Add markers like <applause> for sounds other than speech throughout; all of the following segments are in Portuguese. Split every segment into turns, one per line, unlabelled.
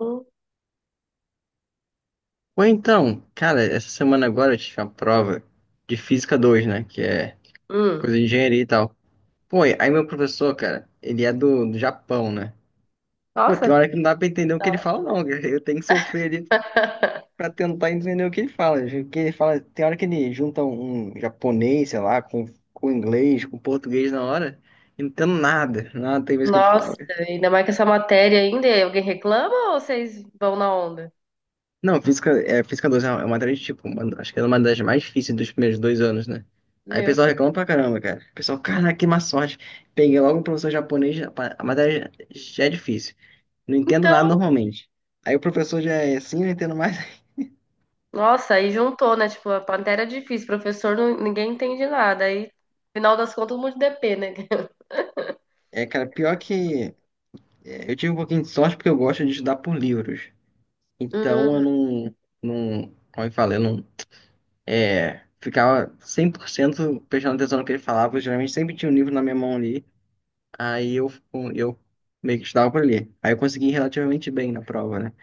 Hum,
Ou então, cara, essa semana agora eu tive uma prova de Física dois, né? Que é
hum.
coisa de engenharia e tal. Pô, aí meu professor, cara, ele é do Japão, né? Pô, tem
Nossa.
hora que não dá pra entender o
Da
que ele
hora.
fala, não, cara. Eu tenho que sofrer ali pra
<laughs>
tentar entender o que ele fala. O que ele fala, tem hora que ele junta um japonês, sei lá, com, inglês, com português na hora, e não entendo nada. Nada tem vez que ele
Nossa,
fala.
ainda mais que essa matéria ainda, e alguém reclama ou vocês vão na onda?
Não, física, é, física 2 é uma matéria de tipo, acho que é uma das mais difíceis dos primeiros dois anos, né? Aí o
Meu
pessoal
Deus.
reclama pra caramba, cara. O pessoal, caraca, que má sorte. Peguei logo um professor japonês, a matéria já é difícil. Não entendo nada
Então,
normalmente. Aí o professor já é assim, eu entendo mais. <laughs>
nossa, aí juntou, né? Tipo, a matéria é difícil, professor, ninguém entende nada. Aí, final das contas, um monte de DP, né? <laughs>
É, cara, pior que é, eu tive um pouquinho de sorte porque eu gosto de estudar por livros. Então eu
Hum,
não, não, como eu falei, eu não, ficava 100% prestando atenção no que ele falava. Eu geralmente sempre tinha um livro na minha mão ali. Aí eu, eu meio que estudava por ali. Aí eu consegui relativamente bem na prova, né?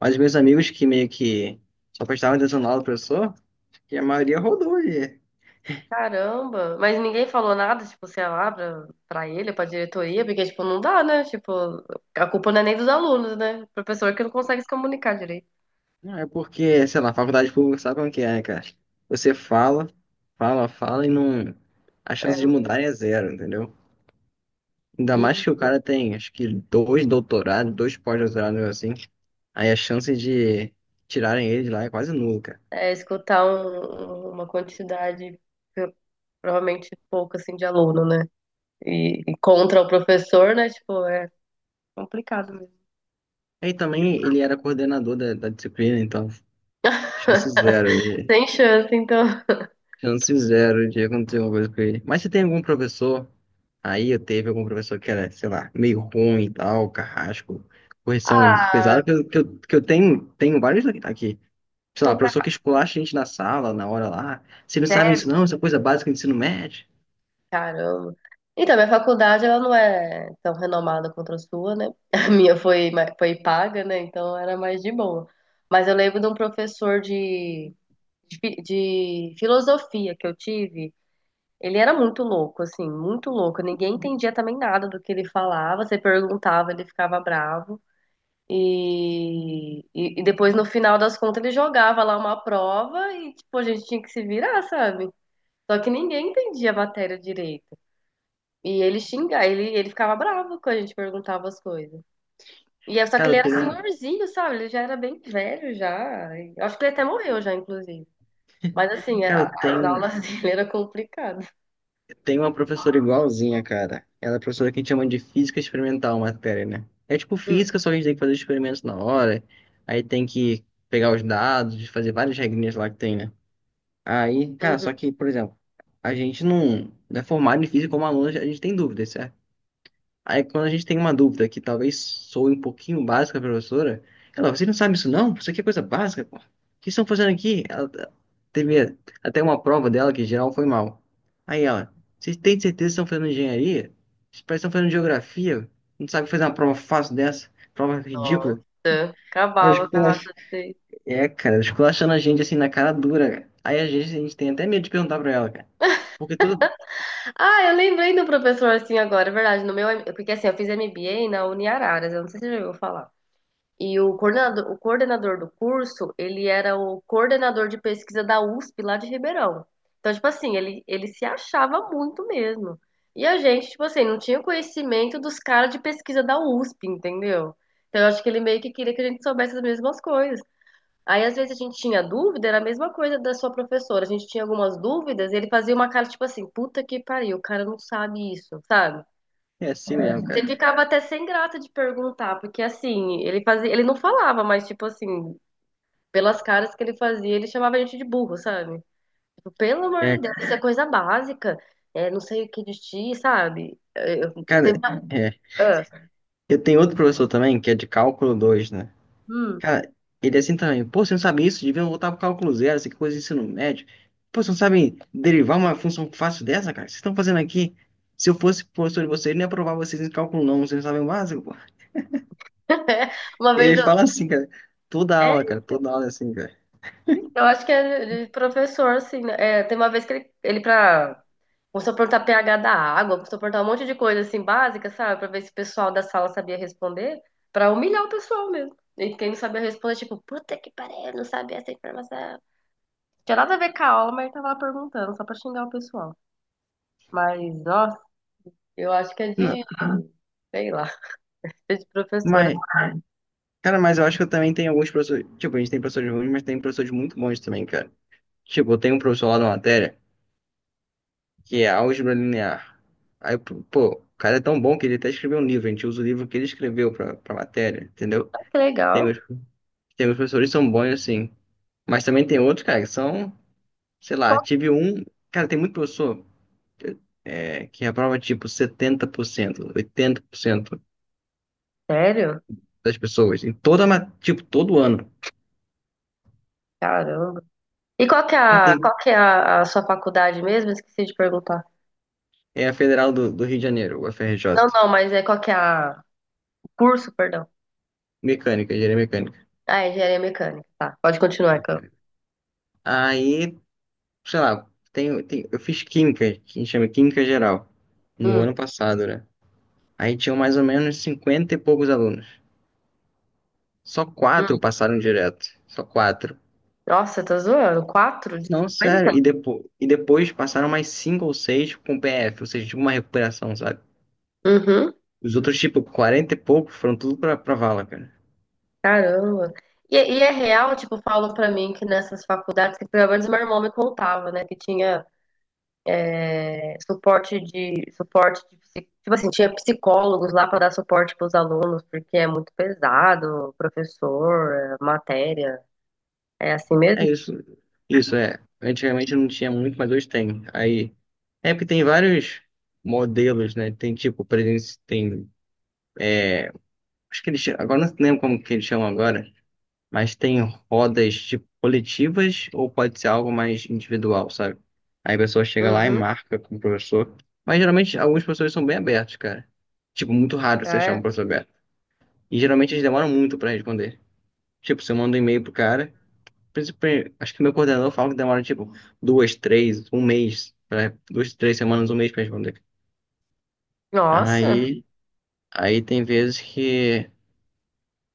Mas meus amigos que meio que só prestavam atenção na aula do professor, que a maioria rodou ali.
caramba. Mas ninguém falou nada, tipo, sei lá, pra ele, pra diretoria, porque, tipo, não dá, né? Tipo, a culpa não é nem dos alunos, né? Professor que não consegue se comunicar direito.
Não, é porque, sei lá, faculdade pública sabe como que é, né, cara? Você fala, fala, fala e não. A chance de mudar é zero, entendeu? Ainda mais
E
que o cara tem, acho que, dois doutorados, dois pós-doutorados, assim. Aí a chance de tirarem ele de lá é quase nula, cara.
é, escutar uma quantidade pro- provavelmente pouca assim de aluno, né? E contra o professor, né? Tipo, é complicado mesmo.
Aí também ele era coordenador da disciplina, então. Chance zero de,
Sem chance, então. <laughs>
chance zero de acontecer alguma coisa com ele. Mas se tem algum professor, aí eu teve algum professor que era, sei lá, meio ruim e tal, carrasco, correção
Ah,
pesada, que eu tenho, vários aqui. Sei
não
lá,
ficar
professor que esculacha a gente na sala, na hora lá. Vocês não sabem
sério,
isso não, isso é coisa básica do ensino médio.
caramba. Então, minha faculdade ela não é tão renomada quanto a sua, né? <laughs> A minha foi foi paga, né? Então era mais de boa. Mas eu lembro de um professor de filosofia que eu tive. Ele era muito louco, assim, muito louco. Ninguém entendia também nada do que ele falava. Você perguntava, ele ficava bravo. E depois, no final das contas, ele jogava lá uma prova e, tipo, a gente tinha que se virar, sabe? Só que ninguém entendia a matéria direito. E ele xingava, ele ficava bravo quando a gente perguntava as coisas. E é só que
Cara,
ele
eu
era
tenho,
senhorzinho, sabe? Ele já era bem velho já. Eu acho que ele até morreu já, inclusive. Mas assim,
cara, eu
as
tenho
aulas <laughs> dele eram complicadas.
Tem uma professora igualzinha, cara. Ela é professora que a gente chama de física experimental, a matéria, né? É tipo
Hum,
física, só que a gente tem que fazer os experimentos na hora. Aí tem que pegar os dados, fazer várias regrinhas lá que tem, né? Aí, cara, só
uhum.
que, por exemplo, a gente não é formado em física como aluno, a gente tem dúvidas, certo? Aí quando a gente tem uma dúvida que talvez soe um pouquinho básica pra professora, ela, você não sabe isso não? Isso aqui é coisa básica, pô. O que estão fazendo aqui? Ela teve até uma prova dela que em geral foi mal. Aí ela, vocês têm certeza que estão fazendo engenharia? Vocês parecem que estão fazendo geografia? Não sabe fazer uma prova fácil dessa? Prova ridícula.
Nossa,
Ela
acabava com a raça
esculacha-
dele.
É, cara, ela esculachando a gente assim na cara dura, cara. Aí a gente, tem até medo de perguntar pra ela, cara. Porque tudo
Ah, eu lembrei do professor assim agora, é verdade. No meu, porque assim, eu fiz MBA na Uniararas, eu não sei se você já ouviu falar. E o coordenador do curso, ele era o coordenador de pesquisa da USP lá de Ribeirão. Então, tipo assim, ele se achava muito mesmo. E a gente, tipo assim, não tinha conhecimento dos caras de pesquisa da USP, entendeu? Então, eu acho que ele meio que queria que a gente soubesse as mesmas coisas. Aí, às vezes, a gente tinha dúvida, era a mesma coisa da sua professora. A gente tinha algumas dúvidas, ele fazia uma cara tipo assim: puta que pariu, o cara não sabe isso, sabe?
é assim mesmo, cara.
Você ficava até sem graça de perguntar, porque assim, ele fazia, ele não falava, mas tipo assim, pelas caras que ele fazia, ele chamava a gente de burro, sabe? Tipo, pelo amor de
É,
Deus, isso é coisa básica, não sei o que de ti, sabe?
cara.
Teve uma,
É.
ah,
Eu tenho outro professor também, que é de cálculo 2, né?
hum.
Cara, ele é assim também. Pô, você não sabe isso? Devia voltar pro cálculo zero, essa coisa de ensino médio. Pô, você não sabe derivar uma função fácil dessa, cara? O que vocês estão fazendo aqui? Se eu fosse professor de vocês, eu não ia aprovar vocês em cálculo não, vocês não sabem o básico, pô.
<laughs> Uma vez
Ele
eu,
fala assim, cara. Toda aula,
é,
cara. Toda aula é assim, cara.
Eu acho que é de professor, assim, né? É, tem uma vez que ele começou a perguntar pH da água, começou a perguntar um monte de coisa, assim, básica, sabe? Pra ver se o pessoal da sala sabia responder, pra humilhar o pessoal mesmo. E quem não sabia responder, tipo, puta que pariu, não sabia essa informação. Tinha nada a ver com a aula, mas ele tava lá perguntando, só pra xingar o pessoal. Mas, ó, eu acho que é
Não,
de, sei lá, é de professora.
mas, cara, mas eu acho que eu também tenho alguns professores. Tipo, a gente tem professores ruins, mas tem professores muito bons também, cara. Tipo, eu tenho um professor lá da matéria que é álgebra linear. Aí, pô, o cara é tão bom que ele até escreveu um livro, a gente usa o livro que ele escreveu pra matéria, entendeu?
Ah, que
Tem
legal.
uns, professores que são bons assim, mas também tem outros, cara, que são, sei lá,
Qual-
tive um, cara, tem muito professor, é, que reprova, tipo, 70%, 80%
Sério?
das pessoas, em toda, tipo, todo ano.
Caramba. E qual que é
Ah,
a,
tem,
qual que é a, a sua faculdade mesmo? Esqueci de perguntar.
é a Federal do, Rio de Janeiro, o
Não,
FRJ,
não, mas é qual que é a, o curso, perdão.
mecânica, engenharia mecânica.
Ah, é engenharia mecânica. Tá, pode continuar, Carol.
Aí sei lá, eu fiz química, que a gente chama química geral, no
Hum,
ano passado, né? Aí tinham mais ou menos 50 e poucos alunos. Só quatro
hum.
passaram direto. Só quatro.
Nossa, tá zoando? Quatro de
Não,
50.
sério. E, depois passaram mais cinco ou seis com PF, ou seja, tipo uma recuperação, sabe?
Uhum,
Os outros, tipo, 40 e poucos foram tudo pra vala, cara.
caramba. E é real, tipo, falam pra mim que nessas faculdades, que pelo menos meu irmão me contava, né, que tinha suporte de, tipo assim, tinha psicólogos lá pra dar suporte pros alunos, porque é muito pesado, professor, matéria, é assim
É
mesmo?
isso. Isso, é. Antigamente não tinha muito, mas hoje tem. Aí. É porque tem vários modelos, né? Tem tipo, presen- tem acho que eles, agora, não lembro como que eles chamam agora, mas tem rodas tipo coletivas ou pode ser algo mais individual, sabe? Aí a pessoa chega lá e
Uhum,
marca com o professor. Mas geralmente alguns professores são bem abertos, cara. Tipo, muito raro você
ah,
achar um
é.
professor aberto. E geralmente eles demoram muito pra responder. Tipo, você manda um e-mail pro cara, acho que meu coordenador fala que demora tipo duas, três, duas, três semanas, um mês pra responder.
Nossa.
Aí, tem vezes que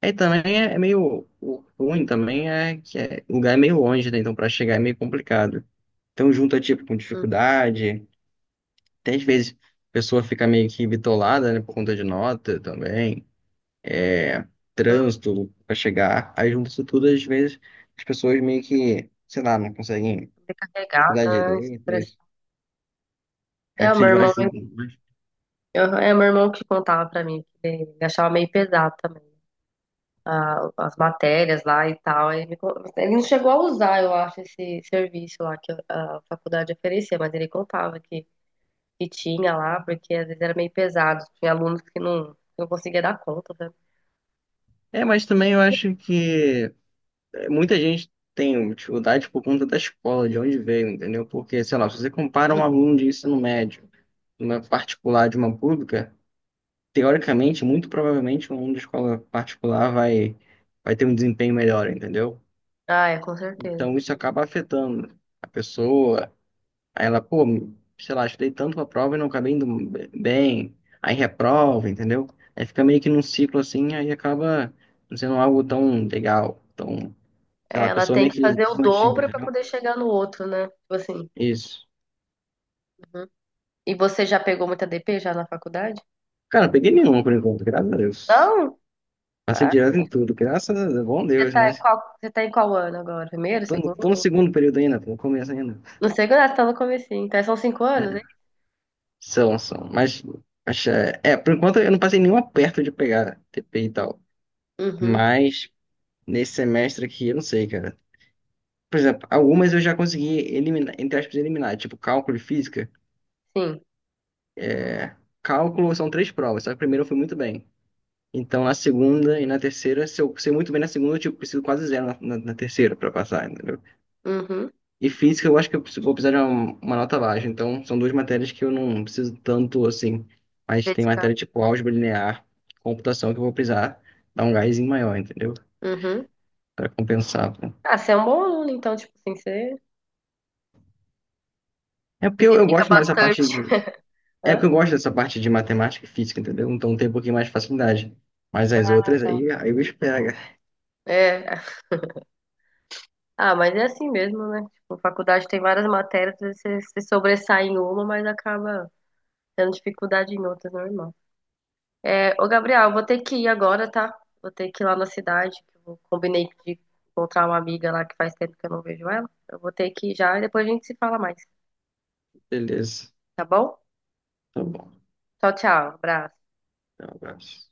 aí também é meio o ruim também é que é, o lugar é meio longe, né? Então para chegar é meio complicado. Então junta tipo com
Hum,
dificuldade. Até às vezes a pessoa fica meio que bitolada, né? Por conta de nota também, é
hum.
trânsito para chegar. Aí junta isso tudo, às vezes as pessoas meio que, sei lá, não conseguem estudar
Sobrecarregada,
direito, isso.
estressada.
Aí
É, o
precisa
meu
de uma
irmão.
ajuda. Mas...
Aham, é o meu irmão que contava pra mim, que ele achava meio pesado também, as matérias lá e tal. Ele não chegou a usar, eu acho, esse serviço lá que a faculdade oferecia, mas ele contava que, tinha lá, porque às vezes era meio pesado, tinha alunos que não conseguia dar conta, né?
É, mas também eu acho que, muita gente tem dificuldade por conta da escola, de onde veio, entendeu? Porque, sei lá, se você compara
Hum.
um aluno de ensino médio, uma particular de uma pública, teoricamente, muito provavelmente, um aluno de escola particular vai, ter um desempenho melhor, entendeu?
Ah, é, com certeza.
Então, isso acaba afetando a pessoa. Aí ela, pô, sei lá, estudei tanto pra prova e não acabei indo bem. Aí reprova, entendeu? Aí fica meio que num ciclo assim, aí acaba não sendo algo tão legal, tão, sei
É,
lá, a
ela
pessoa
tem
meio
que
que
fazer o
desmotiva,
dobro pra
entendeu?
poder chegar no outro, né? Tipo assim.
Isso.
Uhum. E você já pegou muita DP já na faculdade?
Cara, não peguei nenhuma por enquanto, graças a Deus.
Não?
Passei direto em tudo, graças a Deus, bom Deus,
tá
né?
em qual, você tá em qual ano agora? Primeiro,
Tô no
segundo?
segundo período ainda, tô no começo ainda.
No segundo, ah, você tá no comecinho. Então, são cinco
É,
anos, hein?
são. Mas, por enquanto eu não passei nenhum aperto de pegar TP e tal.
Uhum,
Mas nesse semestre aqui, eu não sei, cara. Por exemplo, algumas eu já consegui eliminar, entre aspas, eliminar. Tipo, cálculo e física.
sim.
Cálculo são três provas, só que a primeira eu fui muito bem. Então, na segunda e na terceira, se eu sei muito bem na segunda, eu tipo, preciso quase zero na, na terceira pra passar, entendeu?
Uhum.
E física, eu acho que eu vou precisar de uma, nota baixa. Então, são duas matérias que eu não preciso tanto assim. Mas tem
Dedicar.
matéria tipo álgebra linear, computação, que eu vou precisar dar um gásinho maior, entendeu?
Uhum.
Para compensar, pô.
Ah, você é um bom aluno, então, tipo assim, você
É
se
porque eu,
dedica
gosto mais dessa parte de.
bastante.
É porque
Hã?
eu gosto dessa parte de matemática e física, entendeu? Então tem um pouquinho mais de facilidade. Mas as outras aí, aí o bicho pega.
É. Ah, mas é assim mesmo, né? Tipo, faculdade tem várias matérias, você se sobressai em uma, mas acaba tendo dificuldade em outras, normal. É, ô, Gabriel, eu vou ter que ir agora, tá? Vou ter que ir lá na cidade, que eu combinei de encontrar uma amiga lá que faz tempo que eu não vejo ela. Eu vou ter que ir já e depois a gente se fala mais,
Beleza.
tá bom?
Tá bom.
Tchau, tchau. Abraço.
Então, um abraço.